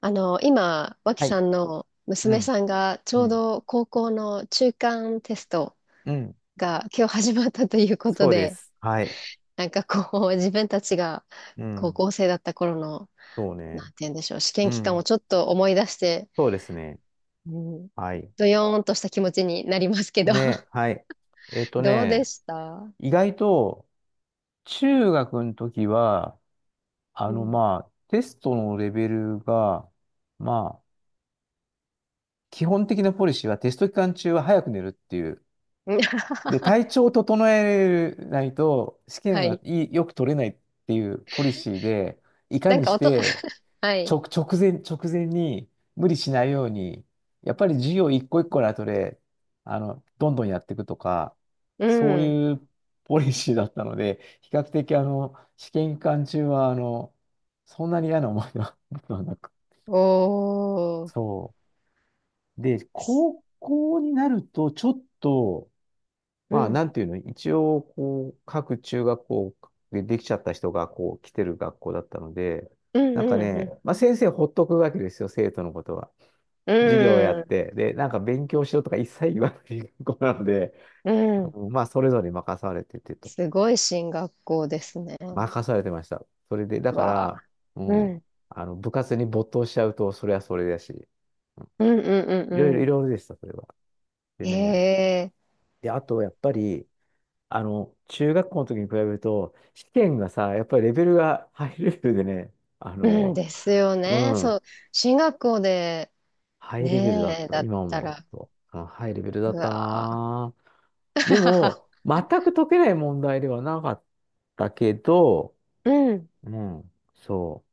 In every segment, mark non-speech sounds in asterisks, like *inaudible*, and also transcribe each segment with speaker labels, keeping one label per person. Speaker 1: 今、脇
Speaker 2: はい。
Speaker 1: さんの
Speaker 2: う
Speaker 1: 娘
Speaker 2: ん。
Speaker 1: さんがち
Speaker 2: う
Speaker 1: ょう
Speaker 2: ん。
Speaker 1: ど高校の中間テスト
Speaker 2: うん。
Speaker 1: が今日始まったということ
Speaker 2: そうで
Speaker 1: で、
Speaker 2: す。はい。
Speaker 1: *laughs* なんかこう、自分たちが
Speaker 2: う
Speaker 1: 高
Speaker 2: ん。
Speaker 1: 校生だった頃の、
Speaker 2: そう
Speaker 1: な
Speaker 2: ね。
Speaker 1: んて言うんでしょう、試
Speaker 2: う
Speaker 1: 験期間を
Speaker 2: ん。
Speaker 1: ちょっと思い出して、
Speaker 2: そうですね。
Speaker 1: うん、
Speaker 2: はい。
Speaker 1: どよーんとした気持ちになりますけど、*laughs*
Speaker 2: ね。はい。えっと
Speaker 1: どうで
Speaker 2: ね、
Speaker 1: した。
Speaker 2: 意外と中学の時は、
Speaker 1: うん。
Speaker 2: まあ、テストのレベルが、まあ、基本的なポリシーはテスト期間中は早く寝るっていう。で、体
Speaker 1: *laughs*
Speaker 2: 調を整えないと試験
Speaker 1: は
Speaker 2: は
Speaker 1: い。
Speaker 2: いいよく取れないっていうポリシーで、いか
Speaker 1: なん
Speaker 2: に
Speaker 1: か
Speaker 2: し
Speaker 1: 音、
Speaker 2: て
Speaker 1: *laughs* はい。
Speaker 2: 直前に無理しないように、やっぱり授業一個一個の後で、どんどんやっていくとか、
Speaker 1: う
Speaker 2: そう
Speaker 1: ん。
Speaker 2: いうポリシーだったので、比較的試験期間中は、そんなに嫌な思いは *laughs* 僕はなく。
Speaker 1: おー。
Speaker 2: そう。で、高校になると、ちょっと、
Speaker 1: う
Speaker 2: まあ、
Speaker 1: ん。
Speaker 2: なんていうの、一応、こう、各中学校でできちゃった人が、こう、来てる学校だったので、
Speaker 1: うん
Speaker 2: なん
Speaker 1: う
Speaker 2: か
Speaker 1: んう
Speaker 2: ね、
Speaker 1: ん。
Speaker 2: まあ、先生ほっとくわけですよ、生徒のことは。授業をや
Speaker 1: う
Speaker 2: っ
Speaker 1: ん。
Speaker 2: て、で、なんか勉強しろとか一切言わない学校なので、
Speaker 1: うん。
Speaker 2: うん、まあ、それぞれ任されててと。
Speaker 1: すごい進学校ですね。
Speaker 2: 任されてました。それで、だか
Speaker 1: わあ。
Speaker 2: ら、う
Speaker 1: う
Speaker 2: ん、
Speaker 1: ん。
Speaker 2: 部活に没頭しちゃうと、それはそれだし、うん、
Speaker 1: うんうん
Speaker 2: いろい
Speaker 1: うん
Speaker 2: ろい
Speaker 1: う
Speaker 2: ろいろでした、それは。で
Speaker 1: ん。へ
Speaker 2: ね、
Speaker 1: え。
Speaker 2: で、あと、やっぱり、中学校の時に比べると、試験がさ、やっぱりレベルがハイレベルでね、あ
Speaker 1: うん
Speaker 2: の、
Speaker 1: ですよ
Speaker 2: う
Speaker 1: ね。そ
Speaker 2: ん、
Speaker 1: う。進学校で、
Speaker 2: ハイレベルだっ
Speaker 1: ねえ、
Speaker 2: た。
Speaker 1: だっ
Speaker 2: 今
Speaker 1: た
Speaker 2: 思う
Speaker 1: ら、
Speaker 2: と、うん、ハイレベルだ
Speaker 1: う
Speaker 2: った
Speaker 1: わあ。
Speaker 2: な。で
Speaker 1: *laughs*
Speaker 2: も、全く解けない問題ではなかったけど、
Speaker 1: うん、
Speaker 2: うん、そ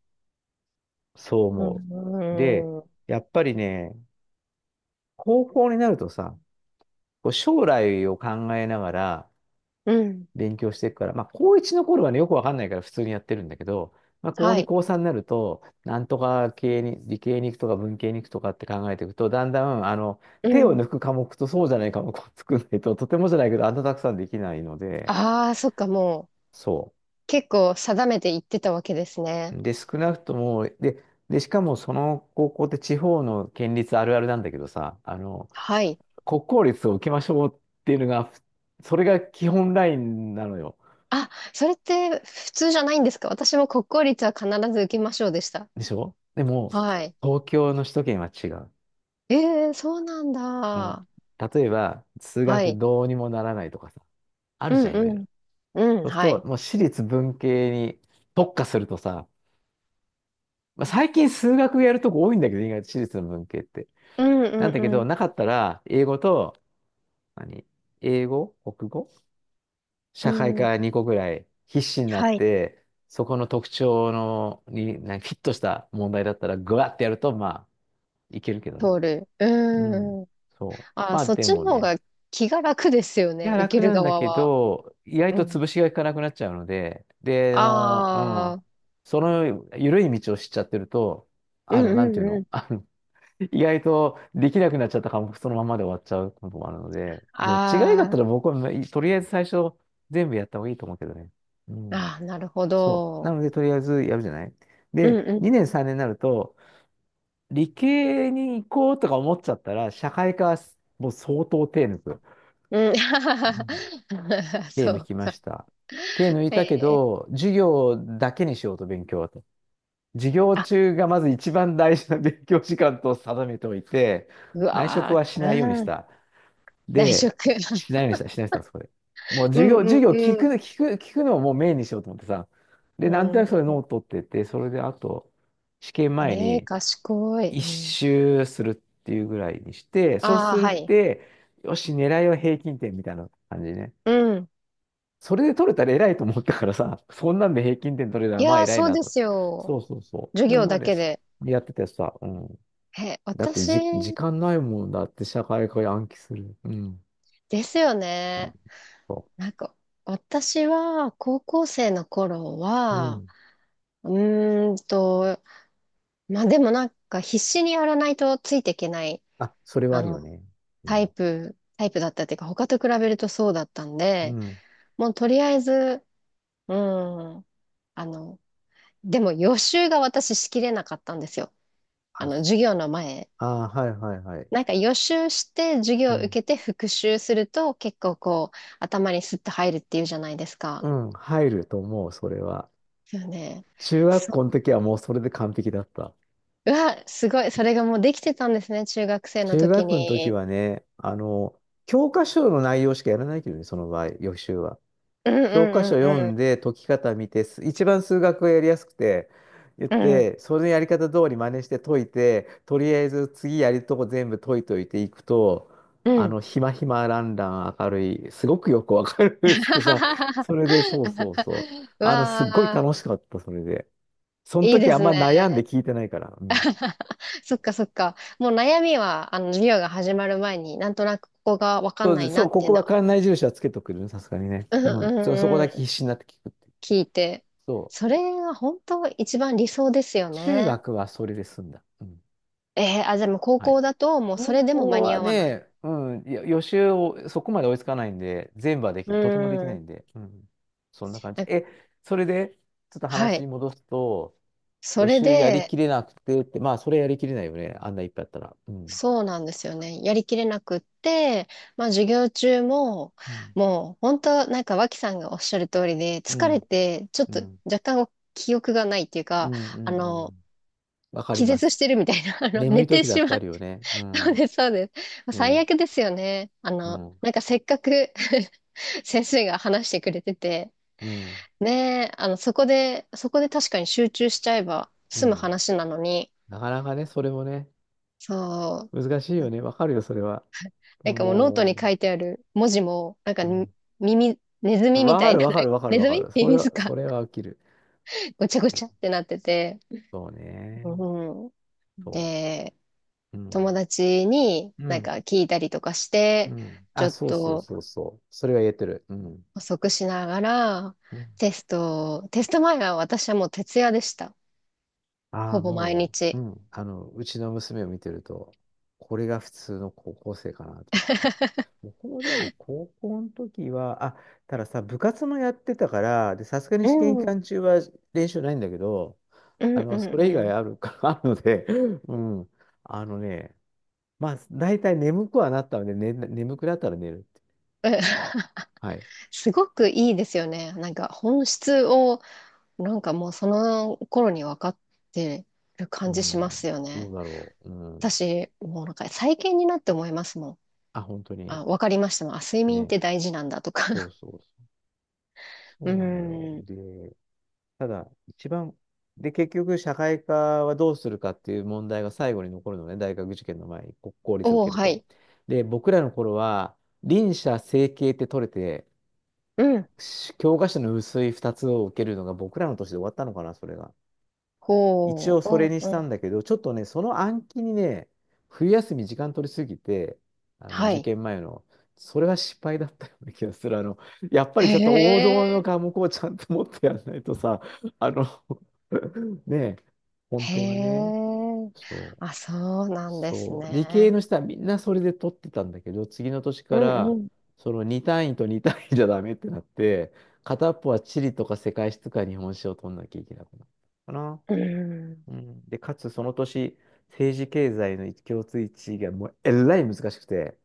Speaker 2: う、そう
Speaker 1: う
Speaker 2: 思う。で、
Speaker 1: ん、うん
Speaker 2: やっぱりね、高校になるとさ、こう将来を考えながら
Speaker 1: うん、
Speaker 2: 勉強していくから、まあ、高1の頃はね、よくわかんないから普通にやってるんだけど、まあ、高
Speaker 1: は
Speaker 2: 2、
Speaker 1: い。
Speaker 2: 高3になると、なんとか系に、理系に行くとか文系に行くとかって考えていくと、だんだん、
Speaker 1: う
Speaker 2: 手を
Speaker 1: ん。
Speaker 2: 抜く科目とそうじゃない科目を作らないと、とてもじゃないけど、あんなたくさんできないので、
Speaker 1: ああ、そっか、もう、
Speaker 2: そう。
Speaker 1: 結構定めて言ってたわけですね。
Speaker 2: で、少なくとも、で、で、しかもその高校って地方の県立あるあるなんだけどさ、
Speaker 1: はい。
Speaker 2: 国公立を受けましょうっていうのが、それが基本ラインなのよ。
Speaker 1: あ、それって普通じゃないんですか。私も国公立は必ず受けましょうでした。
Speaker 2: でしょ。でも、
Speaker 1: はい。
Speaker 2: 東京の首都圏は違う。
Speaker 1: ええ、そうなん
Speaker 2: もう
Speaker 1: だ。
Speaker 2: 例えば、数
Speaker 1: は
Speaker 2: 学
Speaker 1: い。
Speaker 2: どうにもならないとかさ、あ
Speaker 1: う
Speaker 2: る
Speaker 1: ん
Speaker 2: じゃん、いろい
Speaker 1: う
Speaker 2: ろ。
Speaker 1: ん。うん、
Speaker 2: そうすると、
Speaker 1: はい。
Speaker 2: もう私立文系に特化するとさ、まあ、最近数学やるとこ多いんだけど、意外と私立の文系って。
Speaker 1: うん
Speaker 2: なんだけ
Speaker 1: う
Speaker 2: ど、
Speaker 1: ん
Speaker 2: なかったら、英語と、何英語、国語、
Speaker 1: う
Speaker 2: 社会
Speaker 1: ん。うん。
Speaker 2: 科2個ぐらい必死になっ
Speaker 1: はい。
Speaker 2: て、そこの特徴のに、なんかフィットした問題だったら、ぐわってやると、まあ、いけるけどね。
Speaker 1: 通る。
Speaker 2: うん。
Speaker 1: うん。
Speaker 2: そう。
Speaker 1: あ、
Speaker 2: まあ、
Speaker 1: そっ
Speaker 2: で
Speaker 1: ち
Speaker 2: も
Speaker 1: の方
Speaker 2: ね。
Speaker 1: が気が楽ですよ
Speaker 2: い
Speaker 1: ね。
Speaker 2: や、
Speaker 1: 受
Speaker 2: 楽
Speaker 1: ける
Speaker 2: なんだ
Speaker 1: 側
Speaker 2: け
Speaker 1: は。
Speaker 2: ど、意外
Speaker 1: う
Speaker 2: と
Speaker 1: ん。
Speaker 2: 潰しがいかなくなっちゃうので、で、う
Speaker 1: あ
Speaker 2: ん。
Speaker 1: あ、
Speaker 2: その緩い道を知っちゃってると、
Speaker 1: う
Speaker 2: なん
Speaker 1: ん
Speaker 2: てい
Speaker 1: う
Speaker 2: う
Speaker 1: んう
Speaker 2: の、*laughs*
Speaker 1: ん。
Speaker 2: 意外とできなくなっちゃった科目、そのままで終わっちゃうこともあるので、どっちがいいかっ
Speaker 1: あ
Speaker 2: たら僕は、とりあえず最初、全部やった方がいいと思うけどね。うん。
Speaker 1: あ、ああ、なるほ
Speaker 2: そう。な
Speaker 1: ど。
Speaker 2: ので、とりあえずやるじゃない。
Speaker 1: う
Speaker 2: で、
Speaker 1: んうん。
Speaker 2: 2年3年になると、理系に行こうとか思っちゃったら、社会科はもう相当手抜く。
Speaker 1: うん。
Speaker 2: うん、
Speaker 1: *laughs*
Speaker 2: 手
Speaker 1: そ
Speaker 2: 抜
Speaker 1: う
Speaker 2: きまし
Speaker 1: か。
Speaker 2: た。手抜いたけ
Speaker 1: ええ、
Speaker 2: ど、授業だけにしようと勉強はと。授業
Speaker 1: あ、
Speaker 2: 中がまず一番大事な勉強時間と定めておいて、
Speaker 1: う
Speaker 2: 内職
Speaker 1: わ
Speaker 2: はし
Speaker 1: ー、
Speaker 2: ないようにし
Speaker 1: うん。
Speaker 2: た。
Speaker 1: 内
Speaker 2: で、
Speaker 1: 職。
Speaker 2: しないよう
Speaker 1: *laughs*
Speaker 2: にした、しないようにしたんです、そこで。もう
Speaker 1: う
Speaker 2: 授業、授
Speaker 1: ん
Speaker 2: 業聞
Speaker 1: う
Speaker 2: く、
Speaker 1: ん
Speaker 2: 聞く、聞くのをもうメインにしようと思ってさ。
Speaker 1: う
Speaker 2: で、なんと
Speaker 1: ん。
Speaker 2: なくそ
Speaker 1: う
Speaker 2: れノート取ってて、それであと、試験
Speaker 1: ん、
Speaker 2: 前
Speaker 1: ええ
Speaker 2: に
Speaker 1: 賢い。
Speaker 2: 一
Speaker 1: うん、
Speaker 2: 周するっていうぐらいにして、そう
Speaker 1: あ
Speaker 2: す
Speaker 1: あ、
Speaker 2: るっ
Speaker 1: はい。
Speaker 2: て、よし、狙いは平均点みたいな感じね。
Speaker 1: うん。
Speaker 2: それで取れたら偉いと思ったからさ、そんなんで平均点取れた
Speaker 1: い
Speaker 2: らまあ
Speaker 1: やー、
Speaker 2: 偉い
Speaker 1: そう
Speaker 2: な
Speaker 1: で
Speaker 2: と思っ
Speaker 1: す
Speaker 2: て。そ
Speaker 1: よ。
Speaker 2: うそうそ
Speaker 1: 授
Speaker 2: う。そ
Speaker 1: 業
Speaker 2: んな
Speaker 1: だ
Speaker 2: で
Speaker 1: けで。
Speaker 2: やっててさ、うん。
Speaker 1: え、
Speaker 2: だって
Speaker 1: 私
Speaker 2: じ、時間ないもんだって社会科暗記する。うん。
Speaker 1: ですよ
Speaker 2: うん、
Speaker 1: ね。
Speaker 2: そ
Speaker 1: なんか、私は高校生の頃
Speaker 2: う。う
Speaker 1: は、
Speaker 2: ん。
Speaker 1: うーんと、まあでもなんか必死にやらないとついていけない、
Speaker 2: あ、それはあ
Speaker 1: あ
Speaker 2: るよ
Speaker 1: の、
Speaker 2: ね。う
Speaker 1: タイ
Speaker 2: ん。
Speaker 1: プ、タイプだったっていうか、他と比べるとそうだったん
Speaker 2: う
Speaker 1: で、
Speaker 2: ん。
Speaker 1: もうとりあえず、うん、あの、でも予習が私しきれなかったんですよ。あ
Speaker 2: あ、
Speaker 1: の、
Speaker 2: す
Speaker 1: 授業の前。
Speaker 2: あー、はいはいはい。
Speaker 1: なんか予習して授
Speaker 2: う
Speaker 1: 業を受
Speaker 2: ん。
Speaker 1: けて復習すると結構こう頭にスッと入るっていうじゃないですか。
Speaker 2: うん、入ると思う、それは。
Speaker 1: ですよね。
Speaker 2: 中学
Speaker 1: そう。
Speaker 2: 校の時はもうそれで完璧だった。
Speaker 1: うわ、すごい。それがもうできてたんですね。中学生の
Speaker 2: 中
Speaker 1: 時
Speaker 2: 学の時
Speaker 1: に。
Speaker 2: はね、教科書の内容しかやらないけどね、その場合、予習は。
Speaker 1: うん
Speaker 2: 教科書
Speaker 1: うん
Speaker 2: 読ん
Speaker 1: う
Speaker 2: で解き方見て、一番数学がやりやすくて、言っ
Speaker 1: んう
Speaker 2: て、そのやり方通り真似して解いて、とりあえず次やるとこ全部解いといていくと、
Speaker 1: ん。うん。うん。
Speaker 2: ひまひまランラン明るい、すごくよくわかるっつってさ、それ
Speaker 1: *laughs*
Speaker 2: で、そうそうそう。
Speaker 1: う
Speaker 2: すっごい
Speaker 1: わ
Speaker 2: 楽しかった、それで。そ
Speaker 1: ー、
Speaker 2: の
Speaker 1: いい
Speaker 2: 時
Speaker 1: で
Speaker 2: あん
Speaker 1: す
Speaker 2: ま
Speaker 1: ね。
Speaker 2: 悩んで聞いてないから。うん。
Speaker 1: *laughs* そっかそっか。もう悩みは、あの、授業が始まる前になんとなくここがわか
Speaker 2: そ
Speaker 1: ん
Speaker 2: う
Speaker 1: な
Speaker 2: で
Speaker 1: い
Speaker 2: す、そ
Speaker 1: な
Speaker 2: う、
Speaker 1: っ
Speaker 2: こ
Speaker 1: てい
Speaker 2: こ
Speaker 1: うの
Speaker 2: は
Speaker 1: は。
Speaker 2: 館内住所はつけとくるさすがにね。
Speaker 1: うん
Speaker 2: う
Speaker 1: う
Speaker 2: ん。そう、そこ
Speaker 1: ん
Speaker 2: だけ
Speaker 1: う
Speaker 2: 必
Speaker 1: ん。
Speaker 2: 死になって聞くっていう。
Speaker 1: 聞いて。
Speaker 2: そう。
Speaker 1: それが本当一番理想ですよ
Speaker 2: 中
Speaker 1: ね。
Speaker 2: 学はそれで済んだ。うん。
Speaker 1: えー、あ、でも高
Speaker 2: はい。
Speaker 1: 校だともうそ
Speaker 2: 高
Speaker 1: れでも間
Speaker 2: 校
Speaker 1: に
Speaker 2: は
Speaker 1: 合わない。
Speaker 2: ね、うん、いや予習をそこまで追いつかないんで、全部はで
Speaker 1: う
Speaker 2: き、とてもできない
Speaker 1: ん。
Speaker 2: んで、うん、そんな感じ。
Speaker 1: あ、
Speaker 2: え、それで、ちょっと
Speaker 1: はい。
Speaker 2: 話戻すと、
Speaker 1: そ
Speaker 2: 予
Speaker 1: れ
Speaker 2: 習やり
Speaker 1: で、
Speaker 2: きれなくてって、まあ、それやりきれないよね、あんないっぱいあったら。うん。
Speaker 1: そうなんですよね。やりきれなくって、まあ授業中も、
Speaker 2: うん。
Speaker 1: もう本当なんか脇さんがおっしゃる通りで、
Speaker 2: う
Speaker 1: 疲れ
Speaker 2: ん。
Speaker 1: て、ちょっ
Speaker 2: う
Speaker 1: と
Speaker 2: ん。
Speaker 1: 若干記憶がないっていう
Speaker 2: う
Speaker 1: か、
Speaker 2: ん。う
Speaker 1: あ
Speaker 2: ん。う
Speaker 1: の、
Speaker 2: ん、わかり
Speaker 1: 気
Speaker 2: ま
Speaker 1: 絶
Speaker 2: す。
Speaker 1: してるみたいな、*laughs* あの、
Speaker 2: 眠
Speaker 1: 寝
Speaker 2: い
Speaker 1: て
Speaker 2: 時だ
Speaker 1: し
Speaker 2: って
Speaker 1: ま
Speaker 2: あ
Speaker 1: う、
Speaker 2: るよね。う
Speaker 1: *laughs* そう
Speaker 2: ん。
Speaker 1: です、そうです。最
Speaker 2: ね。
Speaker 1: 悪ですよね。あ
Speaker 2: う
Speaker 1: の、
Speaker 2: ん。
Speaker 1: なんかせっかく *laughs* 先生が話してくれてて、
Speaker 2: うん。
Speaker 1: ねえ、あの、そこで、そこで確かに集中しちゃえば
Speaker 2: う
Speaker 1: 済む
Speaker 2: ん。
Speaker 1: 話なのに、
Speaker 2: なかなかね、それもね、
Speaker 1: そう、
Speaker 2: 難しいよね。わかるよ、それは。
Speaker 1: なんかもうノート
Speaker 2: も
Speaker 1: に
Speaker 2: う。
Speaker 1: 書いてある文字も、なんか
Speaker 2: う
Speaker 1: に
Speaker 2: ん、
Speaker 1: 耳、ネズミみ
Speaker 2: わ
Speaker 1: た
Speaker 2: か
Speaker 1: い
Speaker 2: る
Speaker 1: な、
Speaker 2: わかる
Speaker 1: *laughs*
Speaker 2: わかる
Speaker 1: ネ
Speaker 2: わ
Speaker 1: ズ
Speaker 2: か
Speaker 1: ミ
Speaker 2: る。そ
Speaker 1: ミ
Speaker 2: れ
Speaker 1: ミ
Speaker 2: は、
Speaker 1: ズ
Speaker 2: そ
Speaker 1: か、
Speaker 2: れは起きる。
Speaker 1: ごちゃごちゃってなってて、
Speaker 2: そうね。
Speaker 1: うん。
Speaker 2: そ
Speaker 1: で、
Speaker 2: う。う
Speaker 1: 友
Speaker 2: ん。
Speaker 1: 達に
Speaker 2: う
Speaker 1: なん
Speaker 2: ん。
Speaker 1: か聞いたりとかし
Speaker 2: う
Speaker 1: て、
Speaker 2: ん。
Speaker 1: ちょ
Speaker 2: あ、
Speaker 1: っ
Speaker 2: そうそう
Speaker 1: と、
Speaker 2: そうそう。それは言えてる。うん。
Speaker 1: 補足しながら、
Speaker 2: うん。
Speaker 1: テスト前は私はもう徹夜でした。
Speaker 2: あ
Speaker 1: ほ
Speaker 2: あ、
Speaker 1: ぼ毎
Speaker 2: もう、う
Speaker 1: 日。
Speaker 2: ん。うちの娘を見てると、これが普通の高校生かなと。僕もでも高校の時は、あ、たださ、部活もやってたから、で、さすがに
Speaker 1: う
Speaker 2: 試験期
Speaker 1: ん。うん
Speaker 2: 間中は練習ないんだけど、
Speaker 1: うんう
Speaker 2: それ以
Speaker 1: ん。
Speaker 2: 外
Speaker 1: う
Speaker 2: あるか、*laughs* あるので、うん。あのね、まあ、大体眠くはなったので、ね、眠くなったら寝るって。
Speaker 1: ん。 *laughs*
Speaker 2: はい。
Speaker 1: すごくいいですよね。なんか本質を、なんかもうその頃に分かってる
Speaker 2: う
Speaker 1: 感じしま
Speaker 2: ん。
Speaker 1: すよ
Speaker 2: ど
Speaker 1: ね。
Speaker 2: うだろう。うん。
Speaker 1: 私、もうなんか最近になって思いますもん。
Speaker 2: あ、本当に。
Speaker 1: あ、分かりましたもん。あ、睡眠っ
Speaker 2: ね。
Speaker 1: て大事なんだと
Speaker 2: そう
Speaker 1: か。
Speaker 2: そうそう。
Speaker 1: *laughs* う
Speaker 2: そうなのよ。
Speaker 1: ん。
Speaker 2: で、ただ、一番、で、結局、社会科はどうするかっていう問題が最後に残るのね。大学受験の前に、国公
Speaker 1: *laughs*
Speaker 2: 立を受
Speaker 1: お
Speaker 2: け
Speaker 1: ー、
Speaker 2: る
Speaker 1: は
Speaker 2: と。
Speaker 1: い。
Speaker 2: で、僕らの頃は、輪車、整形って取れて、
Speaker 1: うん。
Speaker 2: し教科書の薄い2つを受けるのが僕らの年で終わったのかな、それが。一
Speaker 1: ほ
Speaker 2: 応
Speaker 1: う。
Speaker 2: そ
Speaker 1: う
Speaker 2: れ
Speaker 1: ん
Speaker 2: にし
Speaker 1: う
Speaker 2: た
Speaker 1: ん。
Speaker 2: んだけど、ちょっとね、その暗記にね、冬休み時間取りすぎて、あの
Speaker 1: は
Speaker 2: 受
Speaker 1: い。
Speaker 2: 験前の、それは失敗だったような気がする。やっぱ
Speaker 1: へ
Speaker 2: りちょっと王道の
Speaker 1: え。
Speaker 2: 科目をちゃんと持ってやらないとさ、あの *laughs* ねえ、本
Speaker 1: へ
Speaker 2: 当はね、
Speaker 1: え。
Speaker 2: そう、
Speaker 1: あ、そうなんです
Speaker 2: そう、理系
Speaker 1: ね。
Speaker 2: の人はみんなそれで取ってたんだけど、次の年
Speaker 1: う
Speaker 2: か
Speaker 1: ん
Speaker 2: ら、
Speaker 1: うん。
Speaker 2: その2単位と2単位じゃダメってなって、片っぽは地理とか世界史とか日本史を取んなきゃいけなくなったかな。
Speaker 1: うん。
Speaker 2: うん、で、かつその年、政治経済の共通一致がもうえらい難しくて、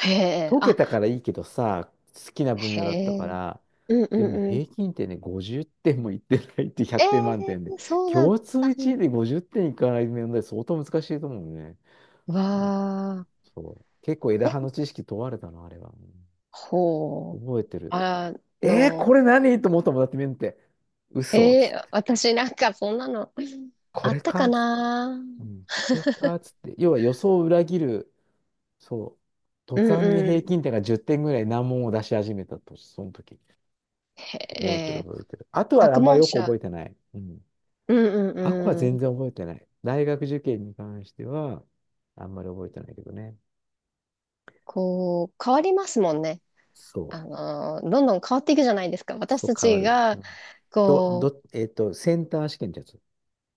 Speaker 1: へえ。
Speaker 2: 解け
Speaker 1: あ、
Speaker 2: たからいいけどさ、好きな分
Speaker 1: へ
Speaker 2: 野だったか
Speaker 1: え。
Speaker 2: ら、
Speaker 1: うんう
Speaker 2: でもね、
Speaker 1: んうん。
Speaker 2: 平均点ね、50点もいってないって、
Speaker 1: え
Speaker 2: 100点満点で、
Speaker 1: え、そうだっ
Speaker 2: 共通
Speaker 1: た
Speaker 2: 一
Speaker 1: ん
Speaker 2: 位
Speaker 1: だ。
Speaker 2: で50点いかない問題相当難しいと思うね。
Speaker 1: わ
Speaker 2: うん、
Speaker 1: あ。
Speaker 2: そう。結構枝
Speaker 1: え、
Speaker 2: 葉の知識問われたな、あれは。うん、
Speaker 1: ほう。
Speaker 2: 覚えてる。
Speaker 1: あ
Speaker 2: えー、
Speaker 1: の、
Speaker 2: これ何と思ったもんだって見んて。嘘っつっ
Speaker 1: えー、
Speaker 2: て。
Speaker 1: 私なんかそんなの
Speaker 2: こ
Speaker 1: あ
Speaker 2: れ
Speaker 1: った
Speaker 2: か
Speaker 1: か
Speaker 2: っつって。
Speaker 1: な。
Speaker 2: うん、これかっつって。要は予想を裏切る。そう。途
Speaker 1: うん
Speaker 2: 端に
Speaker 1: う
Speaker 2: 平
Speaker 1: ん。
Speaker 2: 均点が10点ぐらい、難問を出し始めたと、その時。
Speaker 1: へ
Speaker 2: 覚えてる
Speaker 1: え。
Speaker 2: 覚えてる。あとはあ
Speaker 1: 作
Speaker 2: んま
Speaker 1: 文
Speaker 2: よく
Speaker 1: 者。
Speaker 2: 覚えてない。うん。
Speaker 1: うん
Speaker 2: あこは
Speaker 1: うんう
Speaker 2: 全
Speaker 1: ん。
Speaker 2: 然覚えてない。大学受験に関しては、あんまり覚えてないけどね。
Speaker 1: こう、変わりますもんね。
Speaker 2: そ
Speaker 1: あ
Speaker 2: う。
Speaker 1: の、どんどん変わっていくじゃないですか。私
Speaker 2: そう
Speaker 1: た
Speaker 2: 変わ
Speaker 1: ち
Speaker 2: る。う
Speaker 1: が、
Speaker 2: ん。きょ、
Speaker 1: こう、
Speaker 2: ど、えっと、センター試験ってやつ。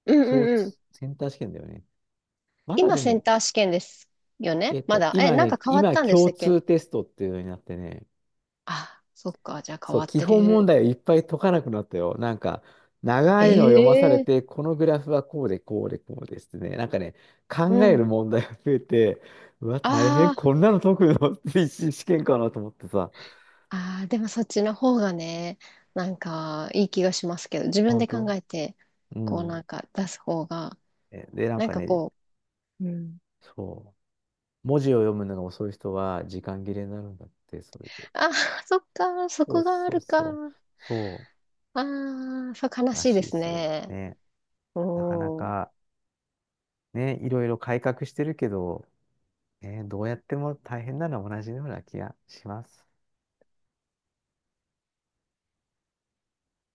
Speaker 1: うん
Speaker 2: 共
Speaker 1: うんうん。
Speaker 2: 通、センター試験だよね。まだ
Speaker 1: 今、
Speaker 2: で
Speaker 1: セン
Speaker 2: も、
Speaker 1: ター試験ですよね、まだ。え、
Speaker 2: 今
Speaker 1: なん
Speaker 2: ね、
Speaker 1: か変わっ
Speaker 2: 今
Speaker 1: たんでし
Speaker 2: 共
Speaker 1: たっけ。
Speaker 2: 通テストっていうのになってね、
Speaker 1: あ、そっか。じゃあ変
Speaker 2: そ
Speaker 1: わ
Speaker 2: う、
Speaker 1: っ
Speaker 2: 基
Speaker 1: て
Speaker 2: 本問
Speaker 1: る。
Speaker 2: 題をいっぱい解かなくなったよ。なんか、長いのを読まされ
Speaker 1: え
Speaker 2: て、
Speaker 1: え、
Speaker 2: このグラフはこうで、こうで、こうですね。なんかね、
Speaker 1: う
Speaker 2: 考え
Speaker 1: ん。
Speaker 2: る問題が増えて、うわ、大変、
Speaker 1: あー、
Speaker 2: こんなの解くの *laughs* って一次試験かなと思ってさ。
Speaker 1: あー、でもそっちの方がね、なんかいい気がしますけど、自分
Speaker 2: 本
Speaker 1: で考
Speaker 2: 当、
Speaker 1: えて、
Speaker 2: う
Speaker 1: こうな
Speaker 2: ん。
Speaker 1: んか出す方が、
Speaker 2: なん
Speaker 1: なん
Speaker 2: か
Speaker 1: か
Speaker 2: ね、
Speaker 1: こう、うん。
Speaker 2: そう、文字を読むのが遅い人は時間切れになるんだって、それで。
Speaker 1: あー、そっか、そ
Speaker 2: そう
Speaker 1: こがあ
Speaker 2: そう
Speaker 1: るか。
Speaker 2: そう。そ
Speaker 1: ああ、そう悲
Speaker 2: う、ら
Speaker 1: しい
Speaker 2: しい
Speaker 1: で
Speaker 2: で
Speaker 1: す
Speaker 2: すよ。
Speaker 1: ね。
Speaker 2: ね。なかな
Speaker 1: うん。
Speaker 2: か、ね、いろいろ改革してるけど、ね、どうやっても大変なのは同じような気がします。